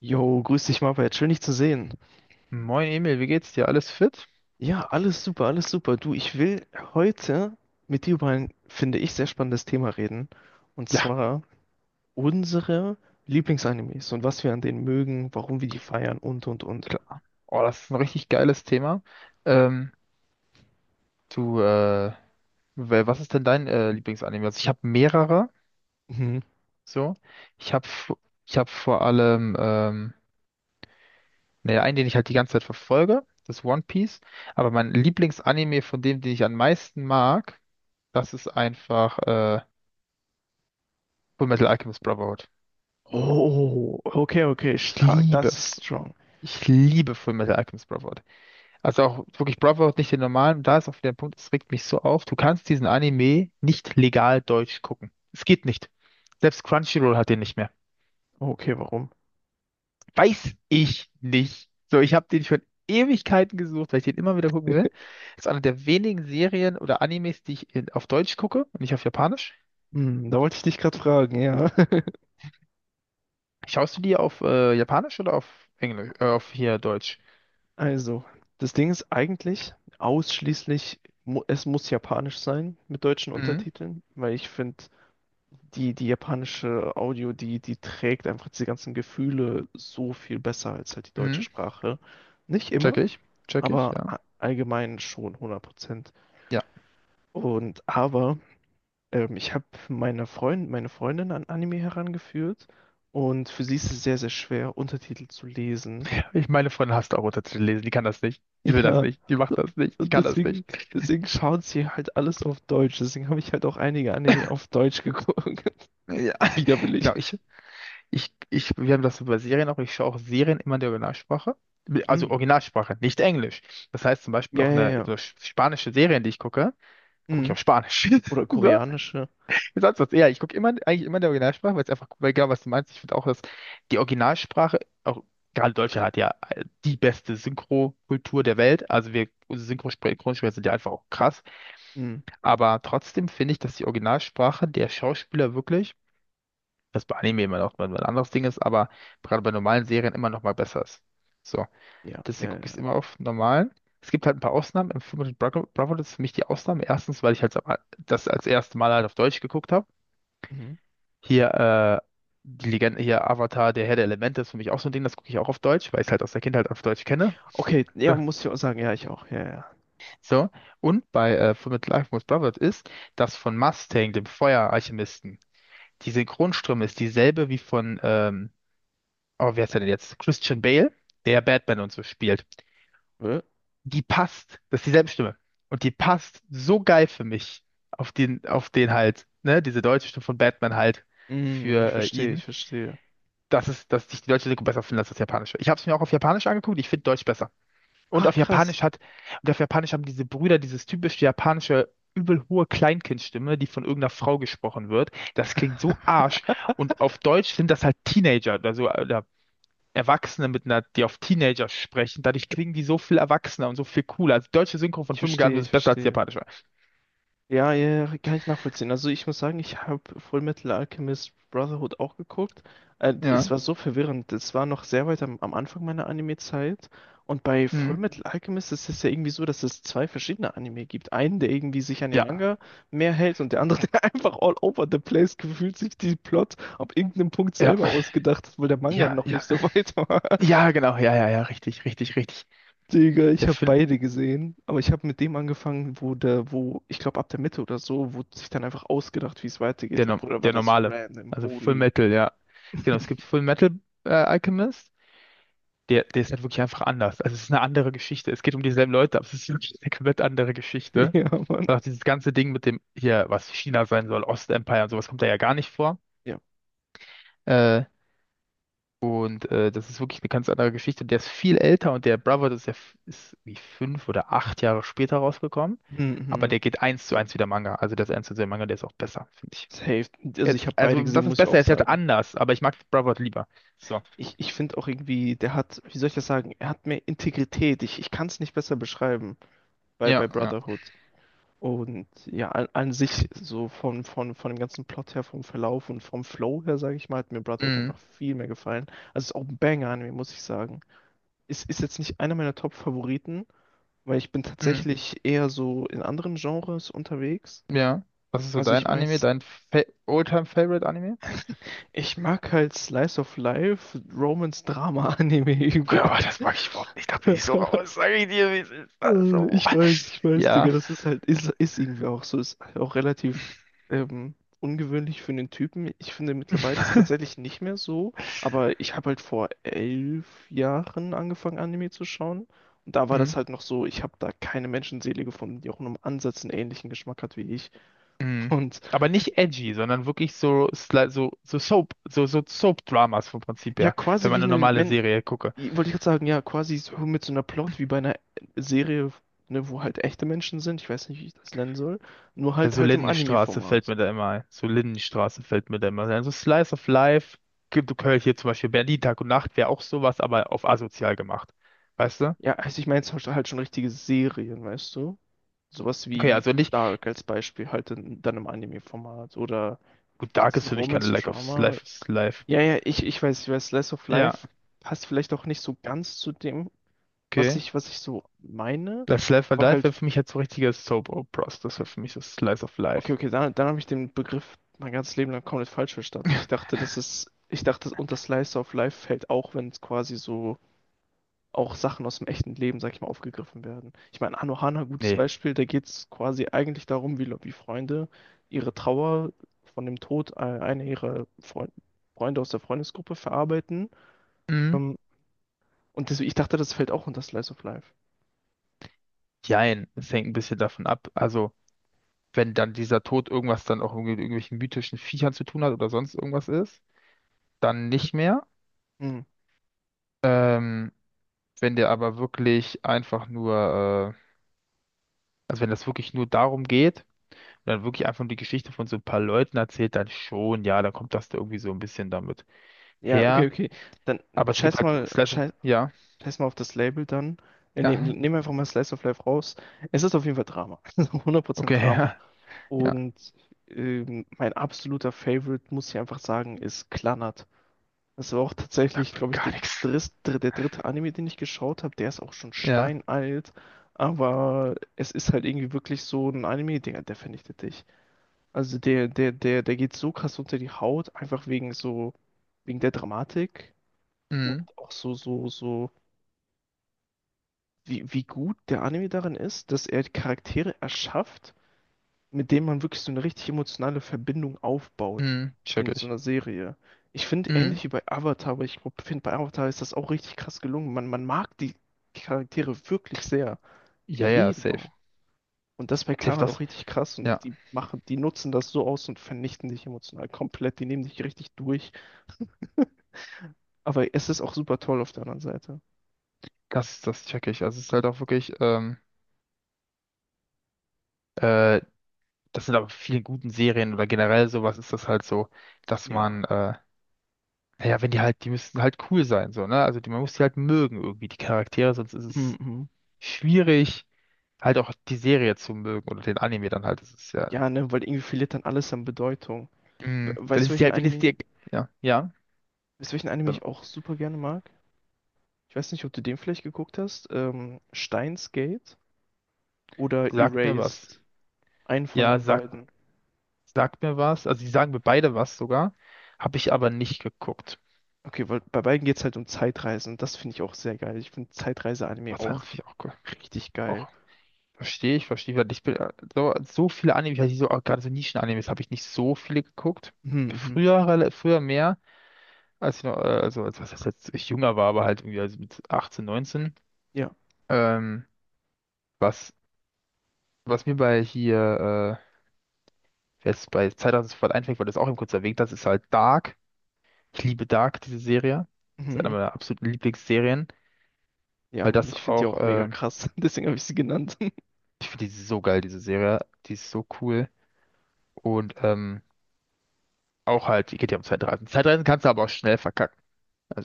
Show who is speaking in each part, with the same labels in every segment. Speaker 1: Jo, grüß dich, Marbert. Schön, dich zu sehen.
Speaker 2: Moin Emil, wie geht's dir? Alles fit?
Speaker 1: Ja, alles super, alles super. Du, ich will heute mit dir über ein, finde ich, sehr spannendes Thema reden. Und
Speaker 2: Ja,
Speaker 1: zwar unsere Lieblingsanimes und was wir an denen mögen, warum wir die feiern und, und.
Speaker 2: klar. Oh, das ist ein richtig geiles Thema. Ähm, du, was ist denn dein Lieblingsanime? Also ich habe mehrere,
Speaker 1: Mhm.
Speaker 2: so. Ich habe ich hab vor allem, naja, einen, den ich halt die ganze Zeit verfolge, das ist One Piece. Aber mein Lieblingsanime von dem, den ich am meisten mag, das ist einfach Fullmetal Alchemist Brotherhood.
Speaker 1: Oh, okay, okay,
Speaker 2: Ich
Speaker 1: stark.
Speaker 2: liebe,
Speaker 1: Das ist strong.
Speaker 2: ich liebe Fullmetal Alchemist Brotherhood. Also auch wirklich Brotherhood, nicht den normalen. Da ist auch wieder ein Punkt, es regt mich so auf. Du kannst diesen Anime nicht legal deutsch gucken. Es geht nicht. Selbst Crunchyroll hat den nicht mehr.
Speaker 1: Okay, warum?
Speaker 2: Weiß ich nicht. So, ich habe den schon Ewigkeiten gesucht, weil ich den immer wieder gucken will. Ist eine der wenigen Serien oder Animes, die ich in, auf Deutsch gucke und nicht auf Japanisch.
Speaker 1: Hm, da wollte ich dich gerade fragen, ja.
Speaker 2: Schaust du die auf Japanisch oder auf Englisch? Auf hier Deutsch?
Speaker 1: Also, das Ding ist eigentlich ausschließlich, es muss japanisch sein mit deutschen
Speaker 2: Mhm.
Speaker 1: Untertiteln, weil ich finde, die japanische Audio, die trägt einfach diese ganzen Gefühle so viel besser als halt die deutsche
Speaker 2: Mhm.
Speaker 1: Sprache. Nicht
Speaker 2: Check
Speaker 1: immer,
Speaker 2: ich. Check ich,
Speaker 1: aber
Speaker 2: ja.
Speaker 1: allgemein schon 100%.
Speaker 2: Ja.
Speaker 1: Und aber ich habe meine Freundin an Anime herangeführt und für sie ist es sehr, sehr schwer, Untertitel zu lesen.
Speaker 2: Ich meine Freundin hasst auch Untertitel lesen. Die kann das nicht. Die will das
Speaker 1: Ja.
Speaker 2: nicht. Die macht das nicht. Die
Speaker 1: Und
Speaker 2: kann das
Speaker 1: deswegen,
Speaker 2: nicht.
Speaker 1: deswegen schaut sie halt alles auf Deutsch. Deswegen habe ich halt auch einige Anime auf Deutsch geguckt.
Speaker 2: Ja,
Speaker 1: Widerwillig.
Speaker 2: genau. Wir haben das über Serien auch. Ich schaue auch Serien immer in der Originalsprache. Also
Speaker 1: Hm.
Speaker 2: Originalsprache, nicht Englisch. Das heißt zum Beispiel
Speaker 1: Ja,
Speaker 2: auch
Speaker 1: ja,
Speaker 2: eine so
Speaker 1: ja.
Speaker 2: spanische Serien, die ich gucke, gucke ich
Speaker 1: Hm.
Speaker 2: auf Spanisch.
Speaker 1: Oder
Speaker 2: So,
Speaker 1: koreanische.
Speaker 2: wie sonst was. Ja, ich gucke immer, eigentlich immer in der Originalsprache, weil es einfach, weil genau was du meinst. Ich finde auch, dass die Originalsprache, auch gerade Deutschland hat ja die beste Synchro-Kultur der Welt. Also wir, unsere Synchro- Synchronsprecher sind ja einfach auch krass.
Speaker 1: Hm.
Speaker 2: Aber trotzdem finde ich, dass die Originalsprache der Schauspieler wirklich, das bei Anime immer noch mal ein anderes Ding ist, aber gerade bei normalen Serien immer noch mal besser ist. So,
Speaker 1: Ja, ja,
Speaker 2: deswegen gucke ich es
Speaker 1: ja.
Speaker 2: immer auf normalen. Es gibt halt ein paar Ausnahmen. Im Film mit Bravo, Bravo, das ist für mich die Ausnahme. Erstens, weil ich halt das als erstes Mal halt auf Deutsch geguckt habe.
Speaker 1: Mhm.
Speaker 2: Hier, die Legende, hier Avatar, der Herr der Elemente ist für mich auch so ein Ding, das gucke ich auch auf Deutsch, weil ich es halt aus der Kindheit auf Deutsch kenne.
Speaker 1: Okay, ja, muss ich auch sagen, ja, ich auch. Ja,
Speaker 2: So, und bei Full Metal Alchemist Brotherhood ist das von Mustang, dem Feueralchemisten. Die Synchronstimme ist dieselbe wie von, oh, wer ist der denn jetzt? Christian Bale, der Batman und so spielt.
Speaker 1: ja. Äh?
Speaker 2: Die passt, das ist dieselbe Stimme. Und die passt so geil für mich auf den halt, ne, diese deutsche Stimme von Batman halt
Speaker 1: Hm, ich
Speaker 2: für
Speaker 1: verstehe, ich
Speaker 2: ihn,
Speaker 1: verstehe.
Speaker 2: dass ich die deutsche Synchro besser finde als das japanische. Ich habe es mir auch auf Japanisch angeguckt, ich finde Deutsch besser. Und
Speaker 1: Ach,
Speaker 2: auf
Speaker 1: krass.
Speaker 2: Japanisch hat, und auf Japanisch haben diese Brüder dieses typische japanische übel hohe Kleinkindstimme, die von irgendeiner Frau gesprochen wird. Das klingt so Arsch. Und auf Deutsch sind das halt Teenager, also oder Erwachsene mit einer, die auf Teenager sprechen. Dadurch klingen die so viel erwachsener und so viel cooler. Also die deutsche Synchro von
Speaker 1: Ich verstehe,
Speaker 2: 25
Speaker 1: ich
Speaker 2: ist besser als die
Speaker 1: verstehe.
Speaker 2: japanische.
Speaker 1: Ja, ja, ja, kann ich nachvollziehen. Also ich muss sagen, ich habe Fullmetal Alchemist Brotherhood auch geguckt. Es
Speaker 2: Ja.
Speaker 1: war so verwirrend. Es war noch sehr weit am Anfang meiner Anime-Zeit. Und bei
Speaker 2: Mhm.
Speaker 1: Fullmetal Alchemist ist es ja irgendwie so, dass es zwei verschiedene Anime gibt. Einen, der irgendwie sich an den
Speaker 2: Ja,
Speaker 1: Manga mehr hält und der andere, der einfach all over the place gefühlt sich die Plot ab irgendeinem Punkt
Speaker 2: ja,
Speaker 1: selber ausgedacht hat, weil der Manga
Speaker 2: ja,
Speaker 1: noch nicht
Speaker 2: ja.
Speaker 1: so weit war.
Speaker 2: Ja, genau, ja, ja, ja, richtig, richtig, richtig.
Speaker 1: Digga, ich
Speaker 2: Der
Speaker 1: habe
Speaker 2: Film,
Speaker 1: beide gesehen, aber ich habe mit dem angefangen, wo, ich glaube ab der Mitte oder so, wurde sich dann einfach ausgedacht, wie es weitergeht.
Speaker 2: der, no-
Speaker 1: Bruder, war
Speaker 2: der
Speaker 1: das
Speaker 2: normale.
Speaker 1: random,
Speaker 2: Also Full
Speaker 1: holy.
Speaker 2: Metal, ja. Genau, es gibt Full Metal Alchemist. Der ist halt wirklich einfach anders. Also es ist eine andere Geschichte. Es geht um dieselben Leute, aber es ist wirklich eine komplett andere Geschichte.
Speaker 1: Ja, Mann.
Speaker 2: Und auch dieses ganze Ding mit dem hier, was China sein soll, Ostempire und sowas kommt da ja gar nicht vor.
Speaker 1: Ja.
Speaker 2: Äh, und das ist wirklich eine ganz andere Geschichte. Der ist viel älter und der Brother das ist ja ist wie 5 oder 8 Jahre später rausgekommen. Aber
Speaker 1: Mhm.
Speaker 2: der geht eins zu eins wie der Manga. Also das eins zu eins der Manga, der ist auch besser, finde ich.
Speaker 1: Safe. Also ich
Speaker 2: Jetzt,
Speaker 1: habe
Speaker 2: also
Speaker 1: beide
Speaker 2: was
Speaker 1: gesehen,
Speaker 2: ist
Speaker 1: muss ich
Speaker 2: besser?
Speaker 1: auch
Speaker 2: Er ist halt
Speaker 1: sagen.
Speaker 2: anders, aber ich mag Brother lieber. So.
Speaker 1: Ich finde auch irgendwie, der hat, wie soll ich das sagen, er hat mehr Integrität. Ich kann es nicht besser beschreiben bei,
Speaker 2: Ja,
Speaker 1: bei
Speaker 2: ja.
Speaker 1: Brotherhood. Und ja, an sich so von dem ganzen Plot her, vom Verlauf und vom Flow her, sage ich mal, hat mir Brotherhood
Speaker 2: Mm,
Speaker 1: einfach viel mehr gefallen. Also es ist auch ein Banger-Anime, muss ich sagen. Ist jetzt nicht einer meiner Top-Favoriten, weil ich bin
Speaker 2: mm.
Speaker 1: tatsächlich eher so in anderen Genres unterwegs.
Speaker 2: Ja. Was ist so
Speaker 1: Also ich
Speaker 2: dein
Speaker 1: meine,
Speaker 2: Anime, dein Fa all favorite anime.
Speaker 1: ich mag halt Slice of Life, Romance-Drama-Anime
Speaker 2: Okay,
Speaker 1: übel.
Speaker 2: aber das mag ich überhaupt nicht. Da bin ich so raus. Sag ich dir, wie es ist. Also, boah.
Speaker 1: Ich weiß,
Speaker 2: Ja.
Speaker 1: Digga, das ist halt, ist irgendwie auch so, ist auch relativ ähm, ungewöhnlich für einen Typen. Ich finde mittlerweile tatsächlich nicht mehr so, aber ich habe halt vor 11 Jahren angefangen, Anime zu schauen. Und da war das
Speaker 2: Mhm.
Speaker 1: halt noch so, ich habe da keine Menschenseele gefunden, die auch nur im Ansatz einen ähnlichen Geschmack hat wie ich.
Speaker 2: Mhm.
Speaker 1: Und
Speaker 2: Aber nicht edgy, sondern wirklich so, so Soap, so Soap-Dramas vom Prinzip
Speaker 1: ja,
Speaker 2: her. Wenn
Speaker 1: quasi
Speaker 2: man
Speaker 1: wie
Speaker 2: eine
Speaker 1: eine,
Speaker 2: normale
Speaker 1: Men
Speaker 2: Serie gucke.
Speaker 1: wollte ich gerade sagen, ja, quasi so mit so einer Plot wie bei einer Serie, ne, wo halt echte Menschen sind, ich weiß nicht, wie ich das nennen soll, nur
Speaker 2: Ja,
Speaker 1: halt
Speaker 2: so
Speaker 1: halt im
Speaker 2: Lindenstraße fällt
Speaker 1: Anime-Format.
Speaker 2: mir da immer ein. So Lindenstraße fällt mir da immer ein. So Slice of Life. Gibt du Köln hier zum Beispiel Berlin Tag und Nacht wäre auch sowas, aber auf asozial gemacht. Weißt du?
Speaker 1: Ja, also ich meine jetzt halt schon richtige Serien, weißt du? Sowas wie,
Speaker 2: Okay,
Speaker 1: wie
Speaker 2: also nicht.
Speaker 1: Dark als Beispiel, halt dann im Anime-Format. Oder
Speaker 2: Gut, Dark
Speaker 1: gibt's ein
Speaker 2: ist für mich keine Lack of
Speaker 1: Romance-Drama?
Speaker 2: Life is Life.
Speaker 1: Ja, ja, ich weiß, ich weiß, Slice of
Speaker 2: Ja,
Speaker 1: Life passt vielleicht auch nicht so ganz zu dem, was
Speaker 2: okay.
Speaker 1: ich, was ich so meine.
Speaker 2: Life, Life, or
Speaker 1: Aber
Speaker 2: Life wäre
Speaker 1: halt,
Speaker 2: für mich halt so richtiger Soap Operas. Das wäre für mich das Slice of
Speaker 1: okay,
Speaker 2: Life.
Speaker 1: okay, dann habe ich den Begriff mein ganzes Leben lang komplett falsch verstanden. Ich dachte, unter Slice of Life fällt auch, wenn es quasi so auch Sachen aus dem echten Leben, sag ich mal, aufgegriffen werden. Ich meine, Anohana, gutes
Speaker 2: Nee.
Speaker 1: Beispiel, da geht es quasi eigentlich darum, wie Freunde ihre Trauer von dem Tod einer ihrer Freunde aus der Freundesgruppe verarbeiten.
Speaker 2: Mhm.
Speaker 1: Ähm, und deswegen, ich dachte, das fällt auch unter Slice of Life.
Speaker 2: Jein, es hängt ein bisschen davon ab. Also, wenn dann dieser Tod irgendwas dann auch irgendwie mit irgendwelchen mythischen Viechern zu tun hat oder sonst irgendwas ist, dann nicht mehr.
Speaker 1: Hm.
Speaker 2: Ähm, wenn der aber wirklich einfach nur, also wenn das wirklich nur darum geht und dann wirklich einfach nur die Geschichte von so ein paar Leuten erzählt, dann schon, ja, dann kommt das da irgendwie so ein bisschen damit
Speaker 1: Ja, okay,
Speaker 2: her.
Speaker 1: okay. Dann
Speaker 2: Aber es gibt
Speaker 1: scheiß
Speaker 2: halt
Speaker 1: mal,
Speaker 2: Slice of,
Speaker 1: scheiß,
Speaker 2: ja,
Speaker 1: scheiß mal auf das Label dann. Äh, nehm,
Speaker 2: ja,
Speaker 1: nehm einfach mal Slice of Life raus. Es ist auf jeden Fall Drama. hundert
Speaker 2: okay,
Speaker 1: Prozent Drama.
Speaker 2: ja, ja,
Speaker 1: Und mein absoluter Favorite, muss ich einfach sagen, ist Clannad. Das war auch tatsächlich,
Speaker 2: sagt mir
Speaker 1: glaube ich,
Speaker 2: gar
Speaker 1: der
Speaker 2: nichts.
Speaker 1: dritte, der dritte Anime, den ich geschaut habe. Der ist auch schon
Speaker 2: Ja,
Speaker 1: steinalt, aber es ist halt irgendwie wirklich so ein Anime, der vernichtet dich. Also der geht so krass unter die Haut, einfach wegen so, wegen der Dramatik und
Speaker 2: mhm,
Speaker 1: auch so, wie gut der Anime darin ist, dass er Charaktere erschafft, mit dem man wirklich so eine richtig emotionale Verbindung aufbaut
Speaker 2: mhm, check
Speaker 1: in so
Speaker 2: ich.
Speaker 1: einer Serie. Ich finde
Speaker 2: Mhm.
Speaker 1: ähnlich wie bei Avatar, aber ich finde bei Avatar ist das auch richtig krass gelungen. Man mag die Charaktere wirklich sehr.
Speaker 2: Ja, ja,
Speaker 1: Jeden
Speaker 2: safe.
Speaker 1: auch. Und das bei
Speaker 2: Safe,
Speaker 1: Clan hat auch
Speaker 2: das,
Speaker 1: richtig krass und
Speaker 2: ja,
Speaker 1: die nutzen das so aus und vernichten dich emotional komplett. Die nehmen dich richtig durch. Aber es ist auch super toll auf der anderen Seite.
Speaker 2: das check ich. Also es ist halt auch wirklich, äh, das sind aber viele guten Serien oder generell sowas ist das halt so, dass
Speaker 1: Ja.
Speaker 2: man, naja, wenn die halt, die müssen halt cool sein, so, ne? Also die, man muss die halt mögen irgendwie, die Charaktere, sonst ist es
Speaker 1: Mhm.
Speaker 2: schwierig, halt auch die Serie zu mögen oder den Anime dann halt. Das ist ja,
Speaker 1: Ja, ne, weil irgendwie verliert dann alles an Bedeutung. We-
Speaker 2: mhm, wenn
Speaker 1: Weißt du,
Speaker 2: es dir, wenn es dir, ja, ja.
Speaker 1: Weißt du, welchen Anime ich auch super gerne mag? Ich weiß nicht, ob du den vielleicht geguckt hast. Steins Gate oder
Speaker 2: Sagt mir was.
Speaker 1: Erased. Einen von
Speaker 2: Ja,
Speaker 1: den
Speaker 2: sagt,
Speaker 1: beiden.
Speaker 2: sagt mir was. Also, die sagen mir beide was sogar. Habe ich aber nicht geguckt.
Speaker 1: Okay, weil bei beiden geht es halt um Zeitreisen. Das finde ich auch sehr geil. Ich finde Zeitreise-Anime
Speaker 2: Was haben
Speaker 1: auch
Speaker 2: sie auch,
Speaker 1: richtig
Speaker 2: auch
Speaker 1: geil.
Speaker 2: verstehe ich, verstehe ich, weil ich bin, so viele Anime, ich hatte so, auch gerade so Nischen-Animes, habe ich nicht so viele geguckt.
Speaker 1: Mhm, mhm.
Speaker 2: Früher, früher mehr, als ich noch, also, als was heißt jetzt, ich jünger war, aber halt irgendwie also mit 18, 19.
Speaker 1: Ja.
Speaker 2: Ähm, was, was mir bei hier, jetzt bei Zeitreise sofort einfällt, weil du es auch eben kurz erwähnt hast, ist halt Dark. Ich liebe Dark, diese Serie. Das ist eine
Speaker 1: Mhm.
Speaker 2: meiner absoluten Lieblingsserien.
Speaker 1: Ja,
Speaker 2: Weil
Speaker 1: Mann,
Speaker 2: das
Speaker 1: ich finde die
Speaker 2: auch,
Speaker 1: auch mega krass. Deswegen habe ich sie genannt.
Speaker 2: ich finde die so geil, diese Serie. Die ist so cool. Und auch halt, die geht ja um Zeitreisen. Zeitreisen kannst du aber auch schnell verkacken.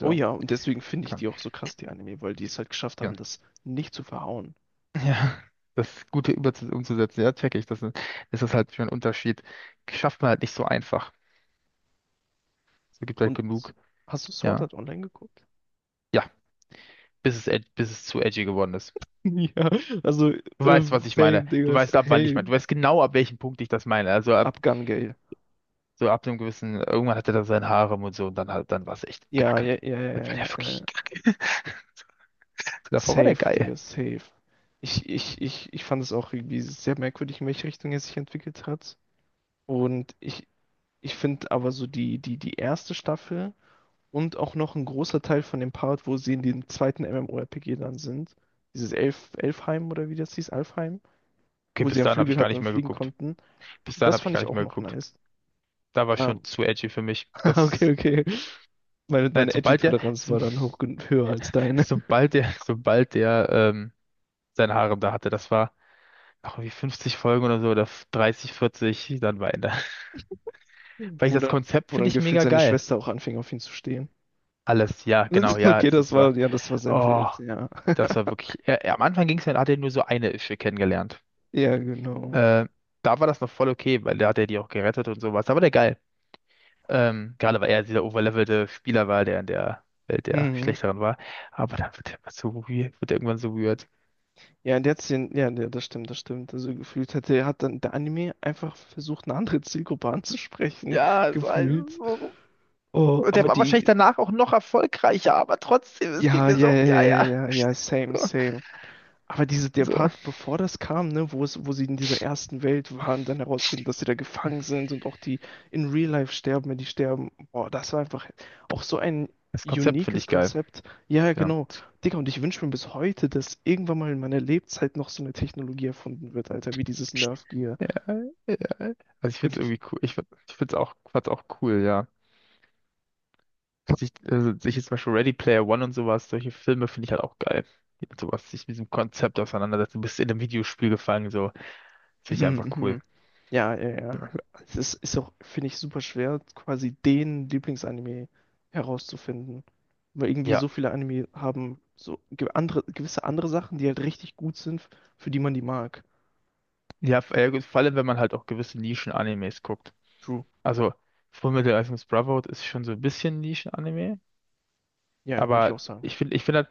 Speaker 1: Oh ja, und deswegen finde ich
Speaker 2: kann,
Speaker 1: die auch so krass, die Anime, weil die es halt geschafft haben,
Speaker 2: ja.
Speaker 1: das nicht zu verhauen.
Speaker 2: Ja, das Gute über umzusetzen, ja, check ich. Das ist halt schon ein Unterschied. Schafft man halt nicht so einfach. Es gibt halt
Speaker 1: Und
Speaker 2: genug,
Speaker 1: hast du Sword
Speaker 2: ja.
Speaker 1: Art Online geguckt?
Speaker 2: Ja, bis es zu edgy geworden ist.
Speaker 1: Ja, also
Speaker 2: Du weißt, was ich
Speaker 1: same,
Speaker 2: meine. Du
Speaker 1: Digga,
Speaker 2: weißt, ab wann ich meine.
Speaker 1: same.
Speaker 2: Du weißt genau, ab welchem Punkt ich das meine. Also ab,
Speaker 1: Abgang Gale.
Speaker 2: so ab einem gewissen, irgendwann hatte er da sein Harem und so und dann halt, dann war es echt
Speaker 1: Ja,
Speaker 2: Kacke.
Speaker 1: ja, ja, ja,
Speaker 2: Das war
Speaker 1: ja,
Speaker 2: ja
Speaker 1: ja, ja.
Speaker 2: wirklich. Davor war der
Speaker 1: Safe,
Speaker 2: geil.
Speaker 1: Digga, safe. Ich fand es auch irgendwie sehr merkwürdig, in welche Richtung er sich entwickelt hat. Und ich finde aber so die erste Staffel und auch noch ein großer Teil von dem Part, wo sie in dem zweiten MMORPG dann sind, dieses Elfheim oder wie das hieß, Alfheim,
Speaker 2: Okay,
Speaker 1: wo sie
Speaker 2: bis
Speaker 1: einen
Speaker 2: dahin habe ich
Speaker 1: Flügel
Speaker 2: gar
Speaker 1: hatten
Speaker 2: nicht
Speaker 1: und
Speaker 2: mehr
Speaker 1: fliegen
Speaker 2: geguckt.
Speaker 1: konnten,
Speaker 2: Bis dahin
Speaker 1: das
Speaker 2: habe ich
Speaker 1: fand
Speaker 2: gar
Speaker 1: ich
Speaker 2: nicht
Speaker 1: auch
Speaker 2: mehr
Speaker 1: noch
Speaker 2: geguckt.
Speaker 1: nice.
Speaker 2: Da war
Speaker 1: Ah,
Speaker 2: schon zu edgy für mich.
Speaker 1: okay,
Speaker 2: Das,
Speaker 1: okay. Meine,
Speaker 2: nein,
Speaker 1: meine
Speaker 2: sobald der,
Speaker 1: Edgy-Toleranz
Speaker 2: so,
Speaker 1: war dann hoch, höher als deine.
Speaker 2: sobald der, sein Harem da hatte, das war noch irgendwie 50 Folgen oder so, oder 30, 40, dann war Ende. Weil ich
Speaker 1: Wo
Speaker 2: das
Speaker 1: dann,
Speaker 2: Konzept
Speaker 1: wo
Speaker 2: finde
Speaker 1: dann
Speaker 2: ich
Speaker 1: gefühlt
Speaker 2: mega
Speaker 1: seine
Speaker 2: geil.
Speaker 1: Schwester auch anfing, auf ihn zu stehen.
Speaker 2: Alles, ja, genau, ja,
Speaker 1: Okay,
Speaker 2: es, es war,
Speaker 1: ja, das war sehr
Speaker 2: oh,
Speaker 1: wild, ja.
Speaker 2: das war wirklich, ja, ja, am Anfang ging es ja, da hat er nur so eine Ische kennengelernt.
Speaker 1: Ja, genau.
Speaker 2: Äh, Da war das noch voll okay, weil da hat er die auch gerettet und sowas. Da war der geil. Gerade weil er dieser overlevelte Spieler war, der in der Welt der
Speaker 1: Mhm.
Speaker 2: Schlechteren war. Aber dann wird er immer so weird, wird er irgendwann so weird.
Speaker 1: Ja, und jetzt, ja, ja, das stimmt, das stimmt. Also gefühlt hat dann der Anime einfach versucht, eine andere Zielgruppe anzusprechen,
Speaker 2: Ja, es war
Speaker 1: gefühlt.
Speaker 2: so.
Speaker 1: Oh,
Speaker 2: Und der war wahrscheinlich danach auch noch erfolgreicher, aber trotzdem, es ging
Speaker 1: ja,
Speaker 2: mir
Speaker 1: ja,
Speaker 2: so auf
Speaker 1: ja,
Speaker 2: die Eier.
Speaker 1: ja, ja, ja, same, same. Der
Speaker 2: So.
Speaker 1: Part, bevor das kam, ne, wo sie in dieser ersten Welt waren, dann herausfinden, dass sie da gefangen sind und auch die in Real Life sterben, wenn die sterben. Boah, das war einfach auch so ein
Speaker 2: Das Konzept finde
Speaker 1: uniques
Speaker 2: ich geil.
Speaker 1: Konzept. Ja, ja,
Speaker 2: Ja.
Speaker 1: genau. Digga, und ich wünsche mir bis heute, dass irgendwann mal in meiner Lebenszeit noch so eine Technologie erfunden wird, Alter, wie dieses Nerf Gear.
Speaker 2: Ja, ja. Also ich finde es
Speaker 1: Wirklich.
Speaker 2: irgendwie cool. Ich finde es auch, fand's auch cool, ja. Sich, also sich jetzt zum Beispiel Ready Player One und sowas, solche Filme finde ich halt auch geil. Die Mit sowas, sich mit diesem Konzept auseinandersetzen. Du bist in einem Videospiel gefangen, so. Finde ich einfach
Speaker 1: Mhm,
Speaker 2: cool.
Speaker 1: mhm. Ja, ja, ja.
Speaker 2: Ja,
Speaker 1: Es ist, auch, finde ich, super schwer, quasi den Lieblingsanime herauszufinden. Weil irgendwie
Speaker 2: ja.
Speaker 1: so viele Anime haben so ge gewisse andere Sachen, die halt richtig gut sind, für die man die mag.
Speaker 2: Ja, ja, gut, vor allem, wenn man halt auch gewisse Nischen-Animes guckt.
Speaker 1: True.
Speaker 2: Also, Fullmetal Alchemist Brotherhood ist schon so ein bisschen Nischen-Anime,
Speaker 1: Ja, würde ich auch
Speaker 2: aber
Speaker 1: sagen.
Speaker 2: ich finde halt,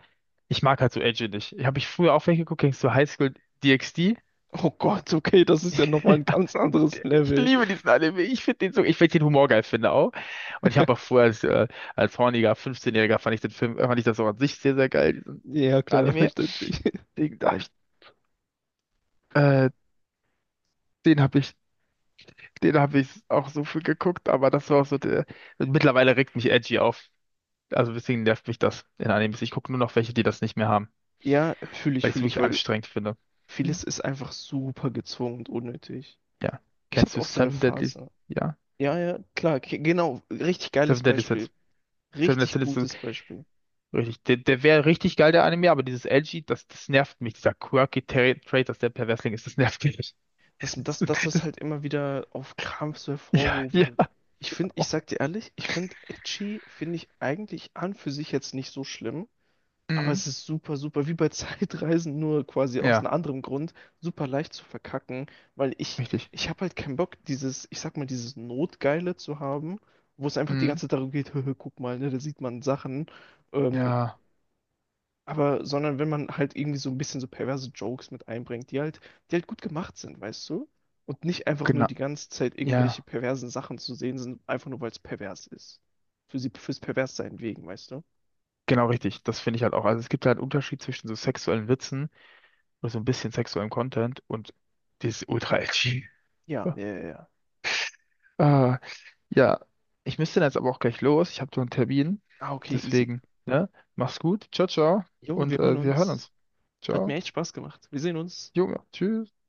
Speaker 2: ich mag halt so Edgy nicht. Habe ich früher auch welche geguckt, kennst du High School DxD?
Speaker 1: Oh Gott, okay, das ist ja nochmal ein ganz anderes
Speaker 2: Ich
Speaker 1: Level.
Speaker 2: liebe diesen Anime. Ich finde den so, ich finde den Humor geil, finde auch. Und ich habe auch früher als, als horniger 15-Jähriger fand ich den Film, fand ich das auch an sich sehr, sehr geil, diesen
Speaker 1: Ja, klar,
Speaker 2: Anime.
Speaker 1: verständlich.
Speaker 2: Den, da hab ich, äh, den habe ich Den habe ich auch so viel geguckt, aber das war auch so der. Mittlerweile regt mich Edgy auf. Also deswegen nervt mich das in Animes. Ich gucke nur noch welche, die das nicht mehr haben,
Speaker 1: Ja,
Speaker 2: weil ich es
Speaker 1: fühle ich,
Speaker 2: wirklich
Speaker 1: weil
Speaker 2: anstrengend finde. Hm.
Speaker 1: vieles ist einfach super gezwungen und unnötig.
Speaker 2: Ja.
Speaker 1: Ich
Speaker 2: Kennst
Speaker 1: hatte
Speaker 2: du
Speaker 1: auch so eine
Speaker 2: Seven Deadly?
Speaker 1: Phase.
Speaker 2: Ja.
Speaker 1: Ja, ja, klar, genau, richtig geiles
Speaker 2: Seven Deadly Sins.
Speaker 1: Beispiel.
Speaker 2: Seven Deadly
Speaker 1: Richtig
Speaker 2: Sins ist so
Speaker 1: gutes Beispiel.
Speaker 2: richtig. Der wäre richtig geil, der Anime, aber dieses Edgy, das nervt mich. Dieser quirky Trait, dass der Perversling ist, das nervt mich.
Speaker 1: Dass das
Speaker 2: Das,
Speaker 1: halt immer wieder auf Krampf so
Speaker 2: ja,
Speaker 1: hervorgehoben
Speaker 2: ja.
Speaker 1: wird. Ich finde, ich
Speaker 2: Oh.
Speaker 1: sag dir ehrlich, ich finde Edgy, finde ich eigentlich an für sich jetzt nicht so schlimm, aber
Speaker 2: Mhm.
Speaker 1: es ist super, super, wie bei Zeitreisen, nur quasi aus
Speaker 2: Ja,
Speaker 1: einem anderen Grund, super leicht zu verkacken, weil ich,
Speaker 2: richtig.
Speaker 1: ich habe halt keinen Bock, dieses, ich sag mal, dieses Notgeile zu haben, wo es einfach die
Speaker 2: Mhm.
Speaker 1: ganze Zeit darum geht, guck mal, ne, da sieht man Sachen, ähm,
Speaker 2: Ja,
Speaker 1: Sondern wenn man halt irgendwie so ein bisschen so perverse Jokes mit einbringt, die halt gut gemacht sind, weißt du? Und nicht einfach nur
Speaker 2: genau.
Speaker 1: die ganze Zeit irgendwelche
Speaker 2: Ja.
Speaker 1: perversen Sachen zu sehen sind, einfach nur weil es pervers ist. Fürs Perverssein wegen, weißt du?
Speaker 2: Genau richtig, das finde ich halt auch. Also es gibt halt einen Unterschied zwischen so sexuellen Witzen oder so ein bisschen sexuellem Content und dieses Ultra-Edgy.
Speaker 1: Ja, ja, ja, ja.
Speaker 2: Ah, ja, ich müsste dann jetzt aber auch gleich los. Ich habe so einen Termin.
Speaker 1: Ah, okay, easy.
Speaker 2: Deswegen, ne? Mach's gut. Ciao, ciao.
Speaker 1: Jo, wir
Speaker 2: Und
Speaker 1: hören
Speaker 2: wir hören
Speaker 1: uns.
Speaker 2: uns.
Speaker 1: Hat mir
Speaker 2: Ciao.
Speaker 1: echt Spaß gemacht. Wir sehen uns.
Speaker 2: Junge, tschüss.